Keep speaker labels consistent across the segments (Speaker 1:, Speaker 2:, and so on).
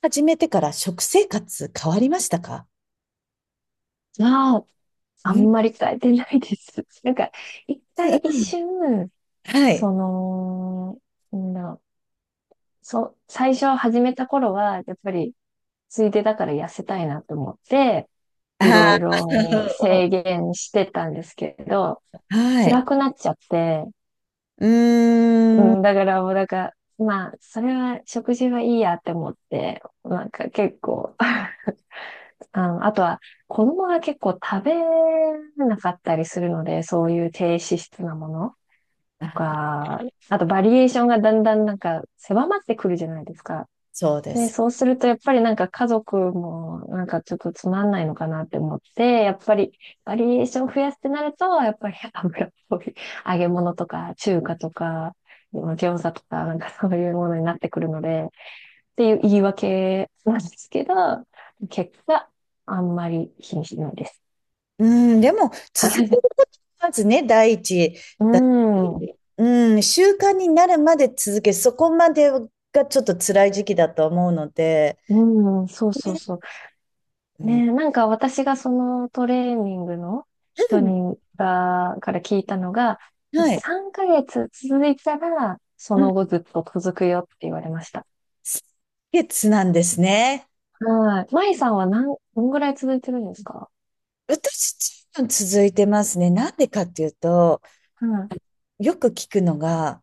Speaker 1: 始めてから食生活変わりましたか？
Speaker 2: まあ、あん
Speaker 1: うん。
Speaker 2: まり変えてないです。一 瞬、
Speaker 1: はい。
Speaker 2: その、なんだろう、そう、最初始めた頃は、やっぱり、ついでだから痩せたいなと思って、いろ
Speaker 1: あ
Speaker 2: いろ
Speaker 1: あ、
Speaker 2: 制限してたんですけど、
Speaker 1: は
Speaker 2: 辛
Speaker 1: い。
Speaker 2: くなっちゃって、
Speaker 1: う
Speaker 2: う
Speaker 1: ーん。
Speaker 2: ん、だからもうなんか、まあ、それは食事はいいやって思って、なんか結構 あとは、子供が結構食べなかったりするので、そういう低脂質なものと
Speaker 1: あ、
Speaker 2: か、あとバリエーションがだんだんなんか狭まってくるじゃないですか。
Speaker 1: そうで
Speaker 2: で、
Speaker 1: す。
Speaker 2: そうするとやっぱりなんか家族もなんかちょっとつまんないのかなって思って、やっぱりバリエーション増やすってなると、やっぱり油っぽい揚げ物とか中華とか、餃子とかなんかそういうものになってくるので、っていう言い訳なんですけど、結果、あんまり気にしないです。
Speaker 1: うん。でも、
Speaker 2: は
Speaker 1: 続けるこ
Speaker 2: い。
Speaker 1: とがまずね、第一
Speaker 2: う
Speaker 1: だ
Speaker 2: ん。
Speaker 1: し。うん。習慣になるまで続け、そこまでがちょっと辛い時期だと思うので。
Speaker 2: うん、そうそうそう。
Speaker 1: うん。
Speaker 2: ね、私がそのトレーニングの
Speaker 1: う
Speaker 2: 人
Speaker 1: ん、
Speaker 2: にが、から聞いたのが、
Speaker 1: はい。
Speaker 2: 3ヶ月続いたら、そ
Speaker 1: うん。
Speaker 2: の後ずっと続くよって言われました。
Speaker 1: 月なんですね。
Speaker 2: はい。舞さんはどんぐらい続いてるんですか？
Speaker 1: 私、ずいぶん続いてますね。なんでかっていうと、
Speaker 2: うん。
Speaker 1: よく聞くのが、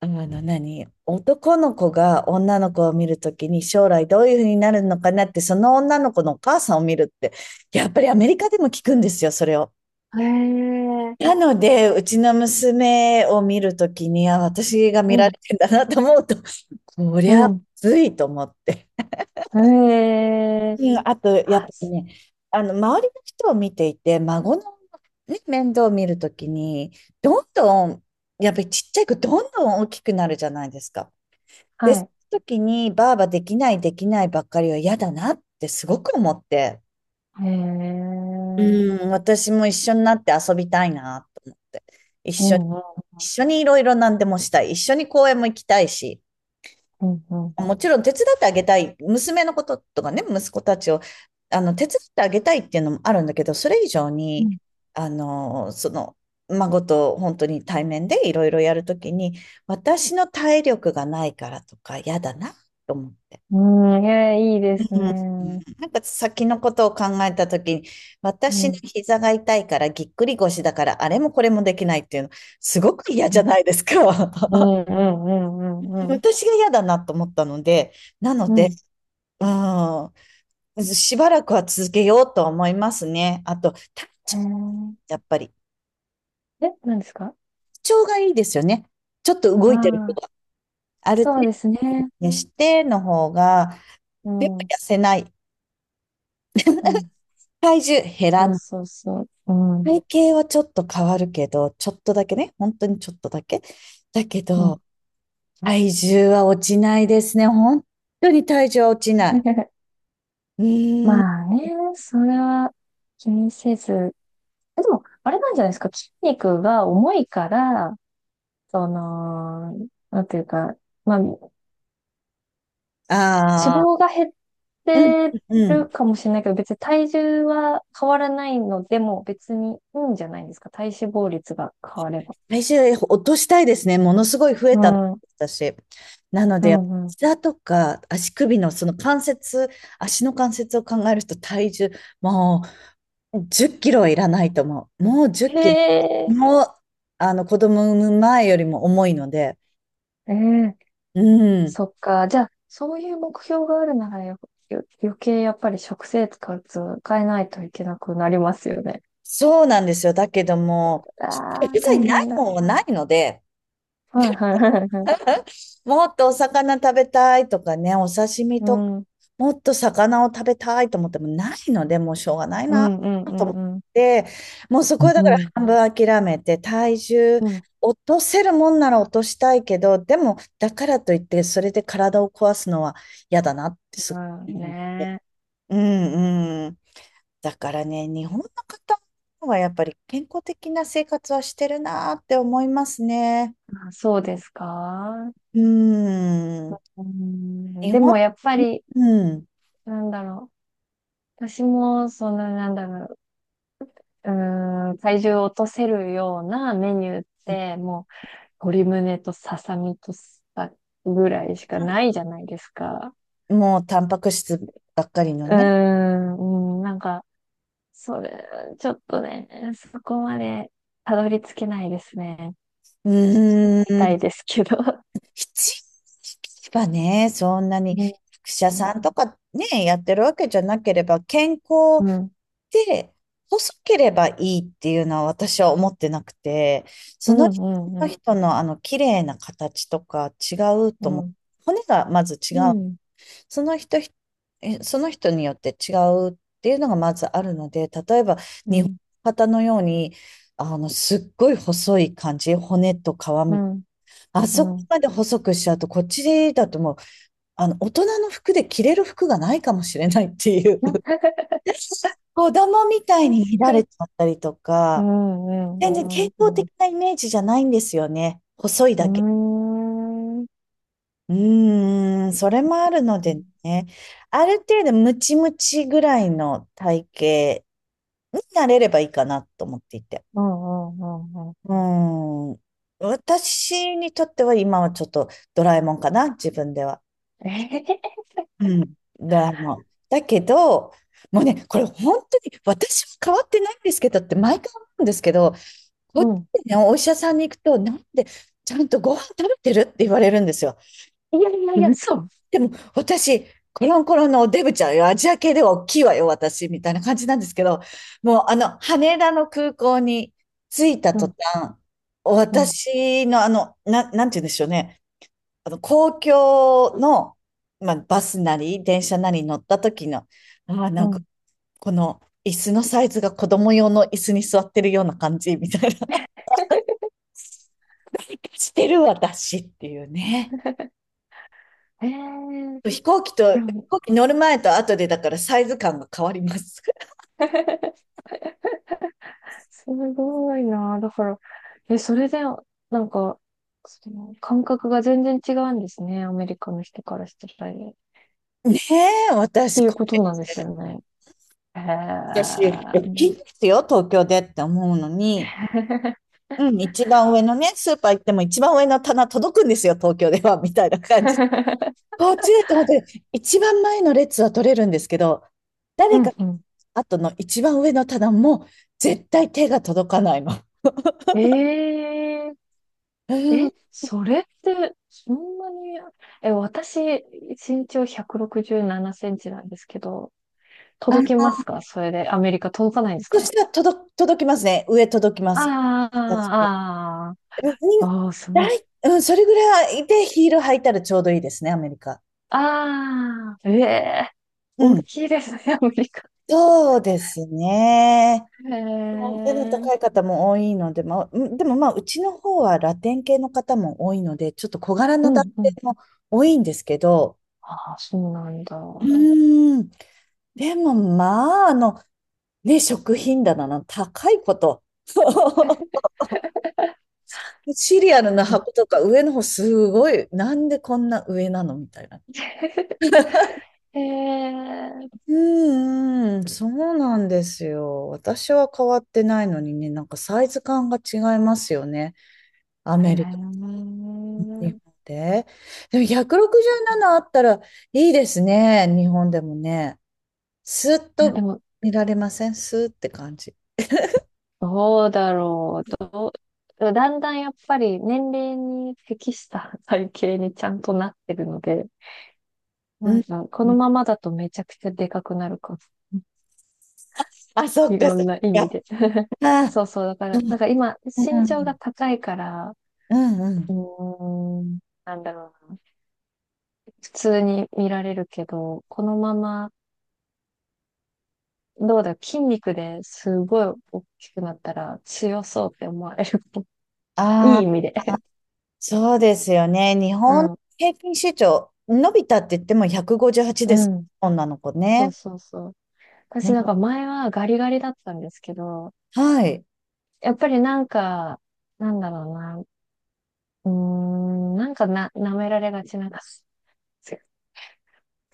Speaker 1: あの何、男の子が女の子を見るときに将来どういうふうになるのかなって、その女の子のお母さんを見るって、やっぱりアメリカでも聞くんですよ、それを。
Speaker 2: へえ。
Speaker 1: なので、うちの娘を見るときに、あ、私が
Speaker 2: う
Speaker 1: 見られ
Speaker 2: ん、
Speaker 1: てんだなと思うと、こり
Speaker 2: う
Speaker 1: ゃ
Speaker 2: ん。
Speaker 1: ついと思って。
Speaker 2: へえ。
Speaker 1: うん、あと、やっぱ
Speaker 2: あ、
Speaker 1: りね、あの、周りの人を見ていて、孫の、ね、面倒を見るときに、どんどん、やっぱりちっちゃい子、どんどん大きくなるじゃないですか。で、
Speaker 2: は
Speaker 1: そ
Speaker 2: い。
Speaker 1: の時に、ばあばできない、ばっかりは嫌だなってすごく思って、
Speaker 2: へえ。うん
Speaker 1: うん、私も一緒になって遊びたいなと思って、一
Speaker 2: う
Speaker 1: 緒に、
Speaker 2: ん、
Speaker 1: 一緒にいろいろ何でもしたい、一緒に公園も行きたいし、
Speaker 2: うん、うん。
Speaker 1: もちろん手伝ってあげたい、娘のこととかね、息子たちを、あの、手伝ってあげたいっていうのもあるんだけど、それ以上
Speaker 2: う
Speaker 1: に、あの、その、孫と本当に対面でいろいろやるときに、私の体力がないからとか嫌だなと思って。
Speaker 2: ん、うん、いや、いいで
Speaker 1: う
Speaker 2: す
Speaker 1: ん。
Speaker 2: ね。
Speaker 1: なんか先のことを考えたときに、
Speaker 2: うん、
Speaker 1: 私
Speaker 2: う
Speaker 1: の
Speaker 2: ん、
Speaker 1: 膝が痛いからぎっくり腰だからあれもこれもできないっていうの、すごく嫌じゃ
Speaker 2: う
Speaker 1: ないですか。
Speaker 2: ん、う ん、うん、うん。
Speaker 1: 私が嫌だなと思ったので、なの
Speaker 2: う
Speaker 1: で、
Speaker 2: ん。
Speaker 1: うん、しばらくは続けようと思いますね。あと、
Speaker 2: へ
Speaker 1: やっぱり、体
Speaker 2: え。え、何ですか？
Speaker 1: 調がいいですよね。ちょっと動
Speaker 2: あ
Speaker 1: いてる人
Speaker 2: あ、
Speaker 1: がある程
Speaker 2: そうです
Speaker 1: 度
Speaker 2: ね。
Speaker 1: にしての方が、
Speaker 2: う
Speaker 1: やっ
Speaker 2: ん、う
Speaker 1: ぱ痩せない。
Speaker 2: ん。
Speaker 1: 体重減ら
Speaker 2: そう
Speaker 1: ない。
Speaker 2: そうそう。うん、
Speaker 1: 体型はちょっと変わるけど、ちょっとだけね、本当にちょっとだけ。だけ
Speaker 2: う
Speaker 1: ど、
Speaker 2: ん。
Speaker 1: 体重は落ちないですね。本当に体重は落ちない。うーん。
Speaker 2: まあね、それは気にせず。え、でも、あれなんじゃないですか。筋肉が重いから、その、なんていうか、まあ、脂
Speaker 1: ああ、
Speaker 2: 肪が減っ
Speaker 1: うん、
Speaker 2: て
Speaker 1: うん。
Speaker 2: るかもしれないけど、別に体重は変わらないのでも別にいいんじゃないですか。体脂肪率が変われば。
Speaker 1: 体重落としたいですね。ものすごい増え
Speaker 2: う
Speaker 1: た、
Speaker 2: ん。う
Speaker 1: 私。なの
Speaker 2: ん
Speaker 1: で、やっぱ
Speaker 2: う
Speaker 1: 膝とか足首のその関節、足の関節を考えると体重、もう10キロはいらないと思う。もう10
Speaker 2: ん。へ
Speaker 1: キロ。
Speaker 2: え。
Speaker 1: もう、あの、子供産む前よりも重いので、
Speaker 2: ええ。
Speaker 1: うん。
Speaker 2: そっか。じゃあ、そういう目標があるなら余計やっぱり食生活を変えないといけなくなりますよね。
Speaker 1: そうなんですよ。だけども、
Speaker 2: ああ、
Speaker 1: 別
Speaker 2: 大
Speaker 1: にない
Speaker 2: 変だ。
Speaker 1: もんはないので、
Speaker 2: はいはいはいはい。
Speaker 1: もっとお魚食べたいとかね、お刺身
Speaker 2: う
Speaker 1: とか、
Speaker 2: ん。うん
Speaker 1: もっと魚を食べたいと思ってもないので、もうしょうがない
Speaker 2: う
Speaker 1: な
Speaker 2: んう
Speaker 1: と思っ
Speaker 2: んうん。
Speaker 1: て、もうそ
Speaker 2: う
Speaker 1: こはだから
Speaker 2: ん。
Speaker 1: 半分諦めて、体重
Speaker 2: うん。
Speaker 1: 落とせるもんなら落としたいけど、でも、だからといって、それで体を壊すのは嫌だなってす
Speaker 2: う
Speaker 1: ごい
Speaker 2: ん
Speaker 1: 思って。
Speaker 2: ね
Speaker 1: うん、うん。だからね、日本の方はやっぱり健康的な生活はしてるなーって思いますね。
Speaker 2: え。あ、そうですか？
Speaker 1: うーん。
Speaker 2: うん、
Speaker 1: 日
Speaker 2: で
Speaker 1: 本、
Speaker 2: もやっぱり、
Speaker 1: うん。
Speaker 2: なんだろ私も、うーん、体重を落とせるようなメニューって、もう、鶏胸とささみと、ぐらいしかないじゃないですか。
Speaker 1: もうタンパク質ばっかりの
Speaker 2: うー
Speaker 1: ね。
Speaker 2: ん、それ、ちょっとね、そこまでたどり着けないですね。
Speaker 1: うー
Speaker 2: みた
Speaker 1: ん。
Speaker 2: いですけど。
Speaker 1: 必要ばね、そんなに、
Speaker 2: うん、
Speaker 1: 役者
Speaker 2: うん、
Speaker 1: さんとかね、やってるわけじゃなければ、健康
Speaker 2: うん、
Speaker 1: で、細ければいいっていうのは私は思ってなくて、
Speaker 2: う
Speaker 1: その人
Speaker 2: ん、
Speaker 1: そ
Speaker 2: う
Speaker 1: の
Speaker 2: ん、
Speaker 1: 人のあの綺麗な形とか違う
Speaker 2: う
Speaker 1: と思う。
Speaker 2: ん、
Speaker 1: 骨がまず違
Speaker 2: う
Speaker 1: う。
Speaker 2: ん、
Speaker 1: その人ひ、えその人によって違うっていうのがまずあるので、例えば
Speaker 2: う
Speaker 1: 日本
Speaker 2: ん、
Speaker 1: の方のように、あの、すっごい細い感じ、骨と皮
Speaker 2: う
Speaker 1: み、
Speaker 2: ん。
Speaker 1: あ
Speaker 2: う
Speaker 1: そこ
Speaker 2: ん
Speaker 1: まで細くしちゃうと、こっちだともう、あの、大人の服で着れる服がないかもしれないっていう。
Speaker 2: 確
Speaker 1: 子供みたいに乱
Speaker 2: か。
Speaker 1: れちゃったりと
Speaker 2: う
Speaker 1: か、
Speaker 2: んう
Speaker 1: 全然健
Speaker 2: んう
Speaker 1: 康
Speaker 2: んう
Speaker 1: 的
Speaker 2: ん。
Speaker 1: なイメージじゃないんですよね。細いだけ。
Speaker 2: うーん。うん
Speaker 1: うーん、それもあるのでね。ある程度ムチムチぐらいの体型になれればいいかなと思っていて。
Speaker 2: うんうんうん。
Speaker 1: うーん。私にとっては今はちょっとドラえもんかな、自分では。
Speaker 2: ええ。
Speaker 1: うん、ドラえもん。だけど、もうね、これ本当に私は変わってないんですけどって毎回思うんですけど、こ
Speaker 2: う
Speaker 1: っち
Speaker 2: ん。
Speaker 1: ね、お医者さんに行くと、なんで、ちゃんとご飯食べてるって言われるんですよ。いやいやいや、
Speaker 2: 嘘。
Speaker 1: でも私、コロンコロンのおデブちゃんよ、アジア系では大きいわよ、私、みたいな感じなんですけど、もうあの、羽田の空港に着いた
Speaker 2: う
Speaker 1: 途
Speaker 2: ん
Speaker 1: 端、
Speaker 2: うん
Speaker 1: 私のあの、な、なんて言うんでしょうね、あの、公共の、まあ、バスなり、電車なりに乗った時の、ああ、
Speaker 2: う
Speaker 1: なんか、
Speaker 2: ん。
Speaker 1: この、椅子のサイズが子供用の椅子に座ってるような感じみたいな。してる私っていうね。
Speaker 2: ええ。で
Speaker 1: 飛
Speaker 2: も、
Speaker 1: 行機乗る前と後でだからサイズ感が変わります。
Speaker 2: すごいな。だから、え、それで、なんか、その感覚が全然違うんですね。アメリカの人からしたら。っ
Speaker 1: ねえ、
Speaker 2: ていうことなんですよね。へ
Speaker 1: 私、
Speaker 2: え。
Speaker 1: 大きいんですよ、東京でって思うのに、うん、一番上のね、スーパー行っても一番上の棚届くんですよ、東京では、みたいな感じ。こっちでと思って、一番前の列は取れるんですけど、
Speaker 2: う
Speaker 1: 誰か
Speaker 2: ん うん。
Speaker 1: 後の一番上の棚も絶対手が届かないの。
Speaker 2: ええ。
Speaker 1: うん、
Speaker 2: え、それって、そんなに、え、私、身長167センチなんですけど、
Speaker 1: あの、
Speaker 2: 届きますかそれで、アメリカ届かないんです
Speaker 1: そ
Speaker 2: か？
Speaker 1: したら届、届きますね。上届きます。
Speaker 2: ああ、あ
Speaker 1: う
Speaker 2: あ、
Speaker 1: ん、
Speaker 2: ああ、すごい。
Speaker 1: うん、それぐらいでヒール履いたらちょうどいいですね、アメリカ。
Speaker 2: ああ、ええ。
Speaker 1: う
Speaker 2: 大
Speaker 1: ん。
Speaker 2: きいですね、アメリカ。
Speaker 1: そうですね。
Speaker 2: へ
Speaker 1: 背の
Speaker 2: え、うん
Speaker 1: 高い方も多いので、まあ、うんでもまあ、うちの方はラテン系の方も多いので、ちょっと小柄
Speaker 2: う
Speaker 1: な男性
Speaker 2: ん。
Speaker 1: も多いんですけど、
Speaker 2: ああ、そうなんだ。
Speaker 1: うーん。でもまあ、あの、ね、食品棚の高いこと。シリアルの
Speaker 2: そう
Speaker 1: 箱とか上の方すごい、なんでこんな上なのみたいな。
Speaker 2: へえ、へ
Speaker 1: うーん、そうなんですよ。私は変わってないのにね、なんかサイズ感が違いますよね。ア
Speaker 2: え。
Speaker 1: メリカ
Speaker 2: い
Speaker 1: と日本で。でも167あったらいいですね、日本でもね。スーッ
Speaker 2: や、で
Speaker 1: と
Speaker 2: も、
Speaker 1: 見られませんスーッって感じ。
Speaker 2: どう、だんだんやっぱり年齢に適した体型にちゃんとなってるので、
Speaker 1: う
Speaker 2: な
Speaker 1: ん。
Speaker 2: んかこのままだとめちゃくちゃでかくなるかも。
Speaker 1: あ、そっ
Speaker 2: い
Speaker 1: か
Speaker 2: ろ
Speaker 1: そっ
Speaker 2: んな意味
Speaker 1: か。
Speaker 2: で。
Speaker 1: あ
Speaker 2: そうそう。だか
Speaker 1: ー、う
Speaker 2: ら、
Speaker 1: ん
Speaker 2: なんか今、身長が高いから、
Speaker 1: うんう
Speaker 2: う
Speaker 1: ん。
Speaker 2: ーん、なんだろうな。普通に見られるけど、このまま、どうだろう、筋肉ですごい大きくなったら強そうって思われる。いい
Speaker 1: あ
Speaker 2: 意味で。
Speaker 1: あ、そうですよね。日
Speaker 2: う
Speaker 1: 本
Speaker 2: ん。
Speaker 1: 平均身長伸びたって言っても158
Speaker 2: う
Speaker 1: です。
Speaker 2: ん。
Speaker 1: 女の子
Speaker 2: そ
Speaker 1: ね。
Speaker 2: うそうそう。
Speaker 1: あ
Speaker 2: 私なん
Speaker 1: ら
Speaker 2: か前はガリガリだったんですけど、
Speaker 1: はい。
Speaker 2: やっぱりなんか、なんだろうな、舐められがちな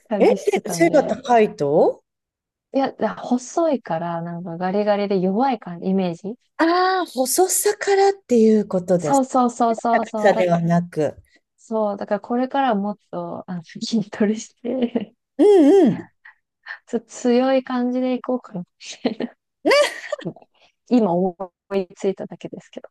Speaker 2: 感
Speaker 1: え、
Speaker 2: じ してたん
Speaker 1: 背が
Speaker 2: で。
Speaker 1: 高いと
Speaker 2: いや、だ細いから、なんかガリガリで弱い感じ、イメージ。
Speaker 1: ああー、細さからっていうことで
Speaker 2: そ
Speaker 1: す。
Speaker 2: うそうそう
Speaker 1: 高
Speaker 2: そうそ
Speaker 1: さ
Speaker 2: う、
Speaker 1: ではなく。
Speaker 2: そう、だからこれからもっと、筋トレして、
Speaker 1: うんうん。
Speaker 2: ちょっと強い感じでいこうかなって、今思いついただけですけど。